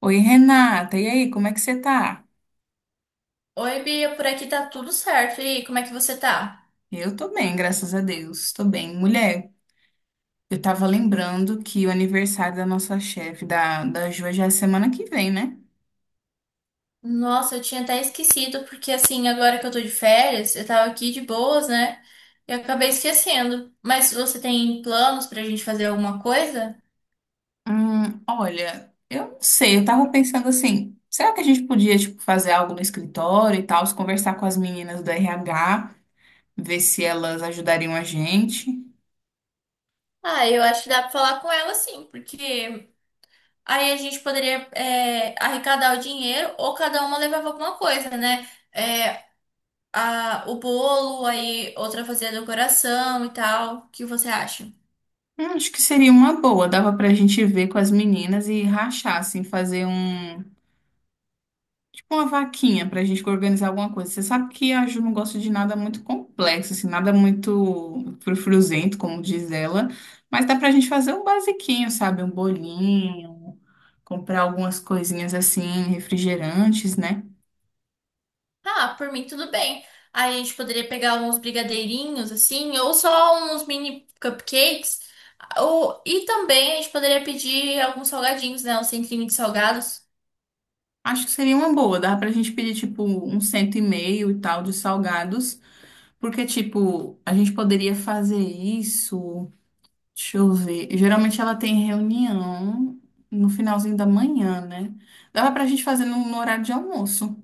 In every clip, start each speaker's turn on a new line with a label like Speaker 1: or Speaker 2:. Speaker 1: Oi, Renata, e aí, como é que você tá?
Speaker 2: Oi, Bia, por aqui tá tudo certo. E aí, como é que você tá?
Speaker 1: Eu tô bem, graças a Deus, tô bem. Mulher, eu tava lembrando que o aniversário da nossa chefe, da Ju, já é semana que vem, né?
Speaker 2: Nossa, eu tinha até esquecido, porque assim, agora que eu tô de férias, eu tava aqui de boas, né? E eu acabei esquecendo. Mas você tem planos pra gente fazer alguma coisa?
Speaker 1: Olha, eu não sei, eu tava pensando assim, será que a gente podia, tipo, fazer algo no escritório e tal, conversar com as meninas do RH, ver se elas ajudariam a gente?
Speaker 2: Ah, eu acho que dá pra falar com ela sim, porque aí a gente poderia arrecadar o dinheiro ou cada uma levava alguma coisa, né? É, o bolo, aí outra fazia a decoração e tal. O que você acha?
Speaker 1: Acho que seria uma boa, dava pra gente ver com as meninas e rachar, assim, fazer um. Uma vaquinha pra gente organizar alguma coisa. Você sabe que a Ju não gosta de nada muito complexo, assim, nada muito frufruzento, como diz ela. Mas dá pra gente fazer um basiquinho, sabe? Um bolinho, comprar algumas coisinhas assim, refrigerantes, né?
Speaker 2: Ah, por mim tudo bem. Aí a gente poderia pegar uns brigadeirinhos assim, ou só uns mini cupcakes. Ou, e também a gente poderia pedir alguns salgadinhos, né? Um centrinho de salgados.
Speaker 1: Acho que seria uma boa. Dá pra gente pedir, tipo, 150 e tal de salgados. Porque, tipo, a gente poderia fazer isso. Deixa eu ver. Geralmente ela tem reunião no finalzinho da manhã, né? Dava pra gente fazer no horário de almoço.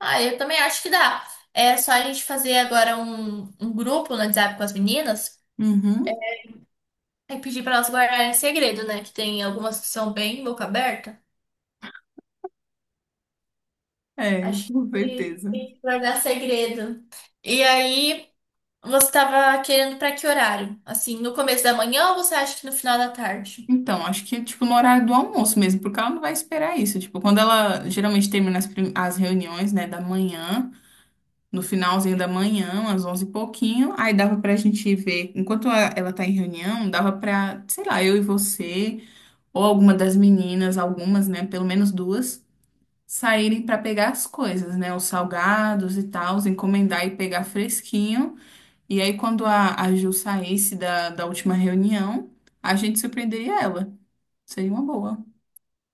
Speaker 2: Ah, eu também acho que dá. É só a gente fazer agora um grupo no WhatsApp com as meninas
Speaker 1: Uhum.
Speaker 2: e pedir para elas guardarem segredo, né? Que tem algumas que são bem boca aberta.
Speaker 1: É,
Speaker 2: Acho
Speaker 1: com
Speaker 2: que
Speaker 1: certeza.
Speaker 2: tem que guardar segredo. E aí, você estava querendo para que horário? Assim, no começo da manhã ou você acha que no final da tarde?
Speaker 1: Então, acho que, tipo, no horário do almoço mesmo, porque ela não vai esperar isso. Tipo, quando ela geralmente termina as reuniões, né, da manhã, no finalzinho da manhã, às 11 e pouquinho, aí dava pra gente ver. Enquanto ela tá em reunião, dava pra, sei lá, eu e você, ou alguma das meninas, algumas, né, pelo menos duas saírem para pegar as coisas, né? Os salgados e tal, encomendar e pegar fresquinho. E aí, quando a Ju saísse da última reunião, a gente surpreenderia ela. Seria uma boa.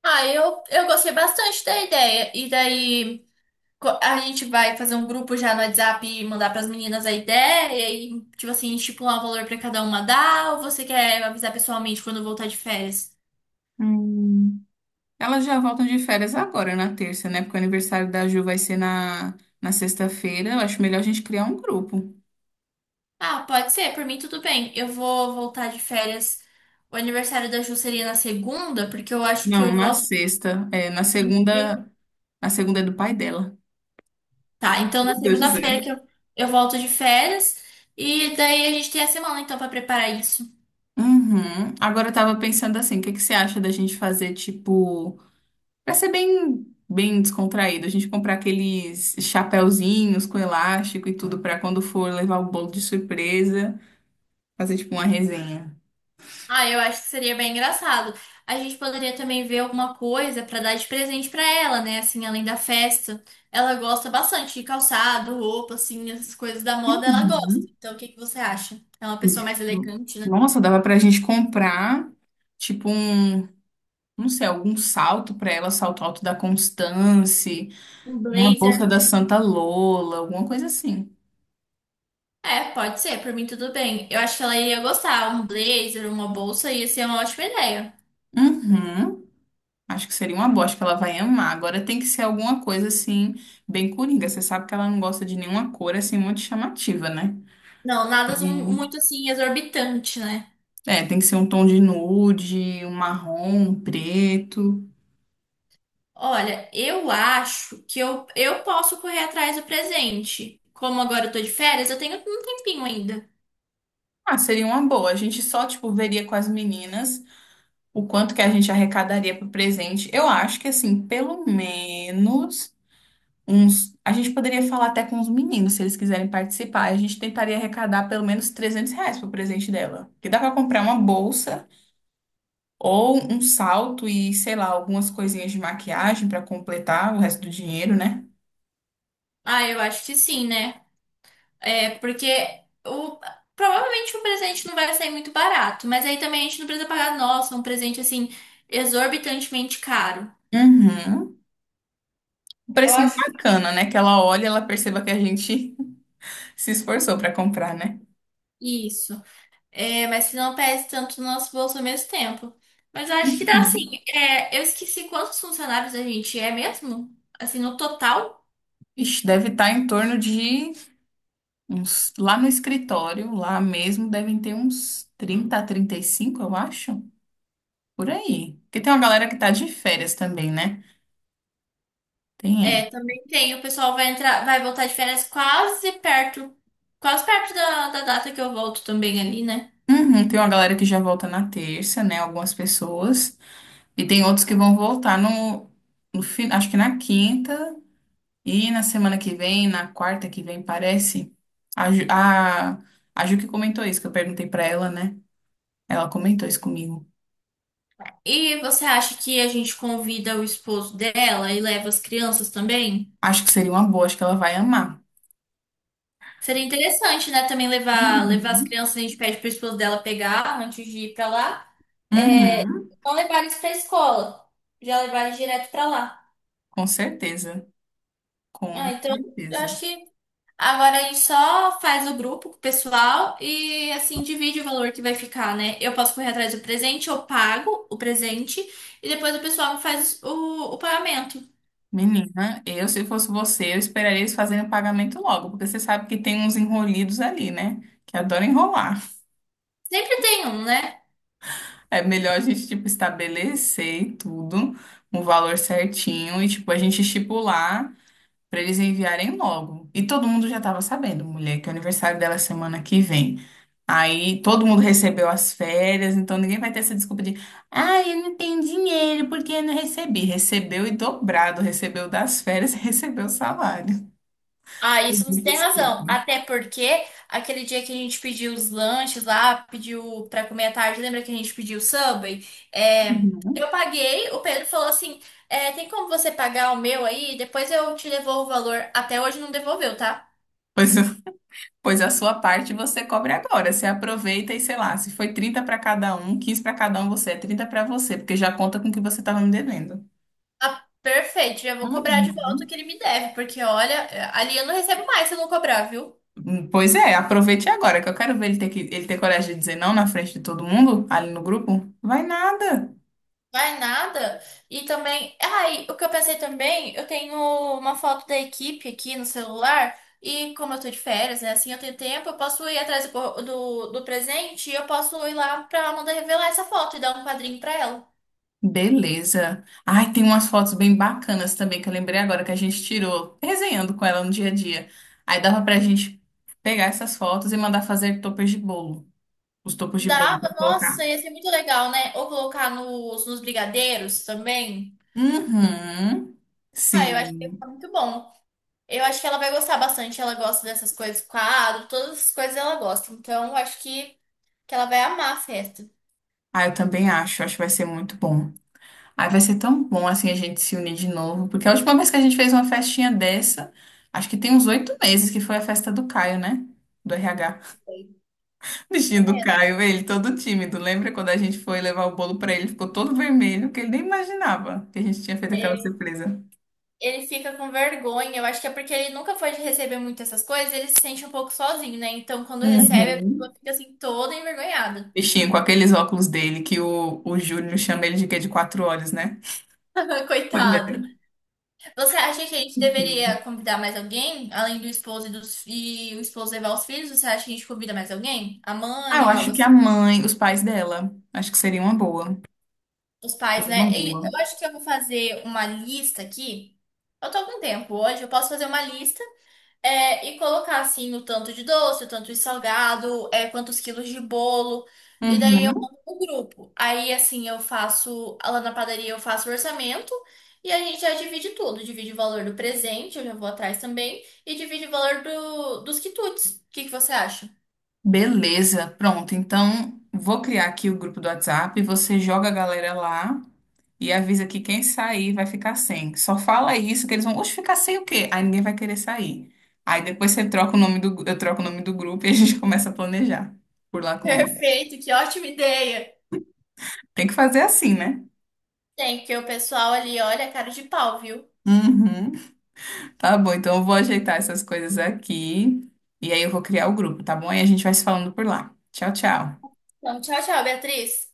Speaker 2: Ah, eu gostei bastante da ideia. E daí a gente vai fazer um grupo já no WhatsApp e mandar para as meninas a ideia e, tipo assim, estipular um valor para cada uma dar? Ou você quer avisar pessoalmente quando voltar de férias?
Speaker 1: Hum. Elas já voltam de férias agora, na terça, né? Porque o aniversário da Ju vai ser na sexta-feira. Eu acho melhor a gente criar um grupo.
Speaker 2: Ah, pode ser, por mim tudo bem. Eu vou voltar de férias. O aniversário da Ju seria na segunda, porque eu acho que
Speaker 1: Não,
Speaker 2: eu
Speaker 1: na
Speaker 2: volto.
Speaker 1: sexta. É, na segunda. Na segunda é do pai dela.
Speaker 2: Tá, então na
Speaker 1: Meu Deus do
Speaker 2: segunda-feira
Speaker 1: céu.
Speaker 2: que eu volto de férias e daí a gente tem a semana então pra preparar isso.
Speaker 1: Uhum. Agora eu tava pensando assim, o que que você acha da gente fazer, tipo. Pra ser bem, bem descontraído, a gente comprar aqueles chapéuzinhos com elástico e tudo pra quando for levar o bolo de surpresa, fazer tipo uma resenha.
Speaker 2: Ah, eu acho que seria bem engraçado. A gente poderia também ver alguma coisa pra dar de presente pra ela, né? Assim, além da festa. Ela gosta bastante de calçado, roupa, assim, essas coisas da moda ela gosta.
Speaker 1: Uhum.
Speaker 2: Então o que que você acha? É uma
Speaker 1: Isso.
Speaker 2: pessoa mais elegante, né?
Speaker 1: Nossa, dava pra gente comprar tipo um, não sei, algum salto pra ela, salto alto da Constance,
Speaker 2: Um
Speaker 1: uma
Speaker 2: blazer.
Speaker 1: bolsa da Santa Lola, alguma coisa assim.
Speaker 2: É, pode ser, por mim tudo bem. Eu acho que ela iria gostar. Um blazer, uma bolsa ia ser uma ótima ideia.
Speaker 1: Uhum. Acho que seria uma boa, acho que ela vai amar. Agora tem que ser alguma coisa assim, bem coringa. Você sabe que ela não gosta de nenhuma cor assim muito chamativa, né?
Speaker 2: Não, nada mu-
Speaker 1: Hum.
Speaker 2: muito assim exorbitante, né?
Speaker 1: É, tem que ser um tom de nude, um marrom, um preto.
Speaker 2: Olha, eu acho que eu posso correr atrás do presente. Como agora eu tô de férias, eu tenho um tempinho ainda.
Speaker 1: Ah, seria uma boa. A gente só, tipo, veria com as meninas o quanto que a gente arrecadaria pro presente. Eu acho que, assim, pelo menos uns. A gente poderia falar até com os meninos, se eles quiserem participar. A gente tentaria arrecadar pelo menos R$ 300 pro presente dela. Que dá pra comprar uma bolsa. Ou um salto e, sei lá, algumas coisinhas de maquiagem para completar o resto do dinheiro, né?
Speaker 2: Ah, eu acho que sim, né? É, porque o, provavelmente o presente não vai sair muito barato, mas aí também a gente não precisa pagar, nossa, um presente assim, exorbitantemente caro.
Speaker 1: Uhum. Um
Speaker 2: Eu
Speaker 1: precinho
Speaker 2: acho que
Speaker 1: bacana, né? Que ela olha e ela perceba que a gente se esforçou para comprar, né?
Speaker 2: isso. É, mas que não pese tanto no nosso bolso ao mesmo tempo. Mas eu acho que dá assim.
Speaker 1: Uhum.
Speaker 2: É, eu esqueci quantos funcionários a gente é mesmo? Assim, no total.
Speaker 1: Ixi, deve estar em torno de uns. Lá no escritório, lá mesmo, devem ter uns 30 a 35, eu acho. Por aí. Porque tem uma galera que tá de férias também, né? Tem
Speaker 2: É,
Speaker 1: essa.
Speaker 2: também tem. O pessoal vai entrar, vai voltar de férias quase perto da data que eu volto também ali, né?
Speaker 1: Uhum, tem uma galera que já volta na terça, né? Algumas pessoas. E tem outros que vão voltar no fim, acho que na quinta e na semana que vem, na quarta que vem, parece. A, Ju- a, a Ju que comentou isso, que eu perguntei pra ela, né? Ela comentou isso comigo.
Speaker 2: E você acha que a gente convida o esposo dela e leva as crianças também?
Speaker 1: Acho que seria uma boa, acho que ela vai amar.
Speaker 2: Seria interessante, né? Também levar as
Speaker 1: Uhum.
Speaker 2: crianças, a gente pede pro esposo dela pegar antes de ir pra lá. É,
Speaker 1: Uhum.
Speaker 2: não levar eles pra escola, já levar eles direto pra lá.
Speaker 1: Com certeza, com
Speaker 2: Ah, então eu
Speaker 1: certeza.
Speaker 2: acho que agora a gente só faz o grupo com o pessoal e assim divide o valor que vai ficar, né? Eu posso correr atrás do presente, eu pago o presente e depois o pessoal faz o pagamento.
Speaker 1: Menina, eu se fosse você, eu esperaria eles fazerem o pagamento logo, porque você sabe que tem uns enrolidos ali, né? Que adoram enrolar.
Speaker 2: Sempre tem um, né?
Speaker 1: É melhor a gente, tipo, estabelecer tudo, um valor certinho e, tipo, a gente estipular pra eles enviarem logo. E todo mundo já tava sabendo, mulher, que o aniversário dela é semana que vem. Aí todo mundo recebeu as férias, então ninguém vai ter essa desculpa de, ah, eu não tenho dinheiro porque eu não recebi. Recebeu e dobrado, recebeu das férias e recebeu o salário.
Speaker 2: Ah,
Speaker 1: Não
Speaker 2: isso
Speaker 1: tem
Speaker 2: você tem razão.
Speaker 1: desculpa.
Speaker 2: Até porque aquele dia que a gente pediu os lanches lá, pediu pra comer à tarde, lembra que a gente pediu o Subway? É,
Speaker 1: Uhum.
Speaker 2: eu paguei, o Pedro falou assim: é, tem como você pagar o meu aí? Depois eu te devolvo o valor. Até hoje não devolveu, tá?
Speaker 1: Pois Pois a sua parte você cobre agora. Você aproveita e sei lá, se foi 30 para cada um, 15 para cada um, você é 30 para você, porque já conta com o que você estava me devendo.
Speaker 2: Ah, perfeito, já vou cobrar de volta o que
Speaker 1: Uhum.
Speaker 2: ele me deve, porque olha, é, ali eu não recebo mais se eu não cobrar, viu?
Speaker 1: Pois é, aproveite agora, que eu quero ver ele ter, que, ele ter coragem de dizer não na frente de todo mundo, ali no grupo. Vai nada.
Speaker 2: Vai nada. E também, ai, o que eu pensei também, eu tenho uma foto da equipe aqui no celular, e como eu tô de férias, né, assim eu tenho tempo, eu posso ir atrás do presente e eu posso ir lá pra Amanda revelar essa foto e dar um quadrinho pra ela.
Speaker 1: Beleza. Ai, tem umas fotos bem bacanas também que eu lembrei agora que a gente tirou, resenhando com ela no dia a dia. Aí dava pra gente pegar essas fotos e mandar fazer toppers de bolo. Os toppers de bolo
Speaker 2: Dá,
Speaker 1: pra
Speaker 2: nossa,
Speaker 1: colocar.
Speaker 2: ia ser muito legal, né? Ou colocar nos brigadeiros também.
Speaker 1: Uhum.
Speaker 2: Ah, eu acho que ia ficar
Speaker 1: Sim.
Speaker 2: muito bom. Eu acho que ela vai gostar bastante. Ela gosta dessas coisas, quadro, todas as coisas ela gosta. Então, eu acho que ela vai amar a festa.
Speaker 1: Ah, eu também acho. Acho que vai ser muito bom. Aí vai ser tão bom assim a gente se unir de novo. Porque a última vez que a gente fez uma festinha dessa, acho que tem uns 8 meses que foi a festa do Caio, né? Do RH. Bichinho do Caio, ele todo tímido. Lembra quando a gente foi levar o bolo pra ele? Ficou todo vermelho, que ele nem imaginava que a gente tinha feito aquela
Speaker 2: É,
Speaker 1: surpresa.
Speaker 2: ele fica com vergonha. Eu acho que é porque ele nunca foi de receber muito essas coisas. Ele se sente um pouco sozinho, né? Então, quando recebe, a
Speaker 1: Uhum.
Speaker 2: pessoa fica assim toda envergonhada.
Speaker 1: Bichinho, com aqueles óculos dele, que o Júnior chama ele de quê? De quatro olhos, né? Olha.
Speaker 2: Coitado. Você acha que a gente deveria convidar mais alguém, além do esposo e o esposo levar os filhos? Você acha que a gente convida mais alguém? A
Speaker 1: Ah,
Speaker 2: mãe
Speaker 1: eu
Speaker 2: ou algo
Speaker 1: acho que a
Speaker 2: assim?
Speaker 1: mãe, os pais dela, acho que seria uma boa.
Speaker 2: Os pais,
Speaker 1: Seria uma
Speaker 2: né? E
Speaker 1: boa.
Speaker 2: eu acho que eu vou fazer uma lista aqui. Eu tô com tempo hoje, eu posso fazer uma lista e colocar assim o tanto de doce, o tanto de salgado, é, quantos quilos de bolo. E daí eu
Speaker 1: Uhum.
Speaker 2: mando pro grupo. Aí assim eu faço, lá na padaria eu faço o orçamento e a gente já divide tudo. Divide o valor do presente, eu já vou atrás também, e divide o valor dos quitutes. O que que você acha?
Speaker 1: Beleza, pronto. Então, vou criar aqui o grupo do WhatsApp, você joga a galera lá e avisa que quem sair vai ficar sem. Só fala isso que eles vão, oxe, ficar sem o quê? Aí ninguém vai querer sair. Aí depois você troca o nome eu troco o nome do grupo e a gente começa a planejar por lá com ele.
Speaker 2: Perfeito, que ótima ideia.
Speaker 1: Tem que fazer assim, né?
Speaker 2: Tem, porque o pessoal ali olha a cara de pau, viu?
Speaker 1: Uhum. Tá bom, então eu vou ajeitar essas coisas aqui e aí eu vou criar o grupo, tá bom? E a gente vai se falando por lá. Tchau, tchau.
Speaker 2: Então, tchau, tchau, Beatriz.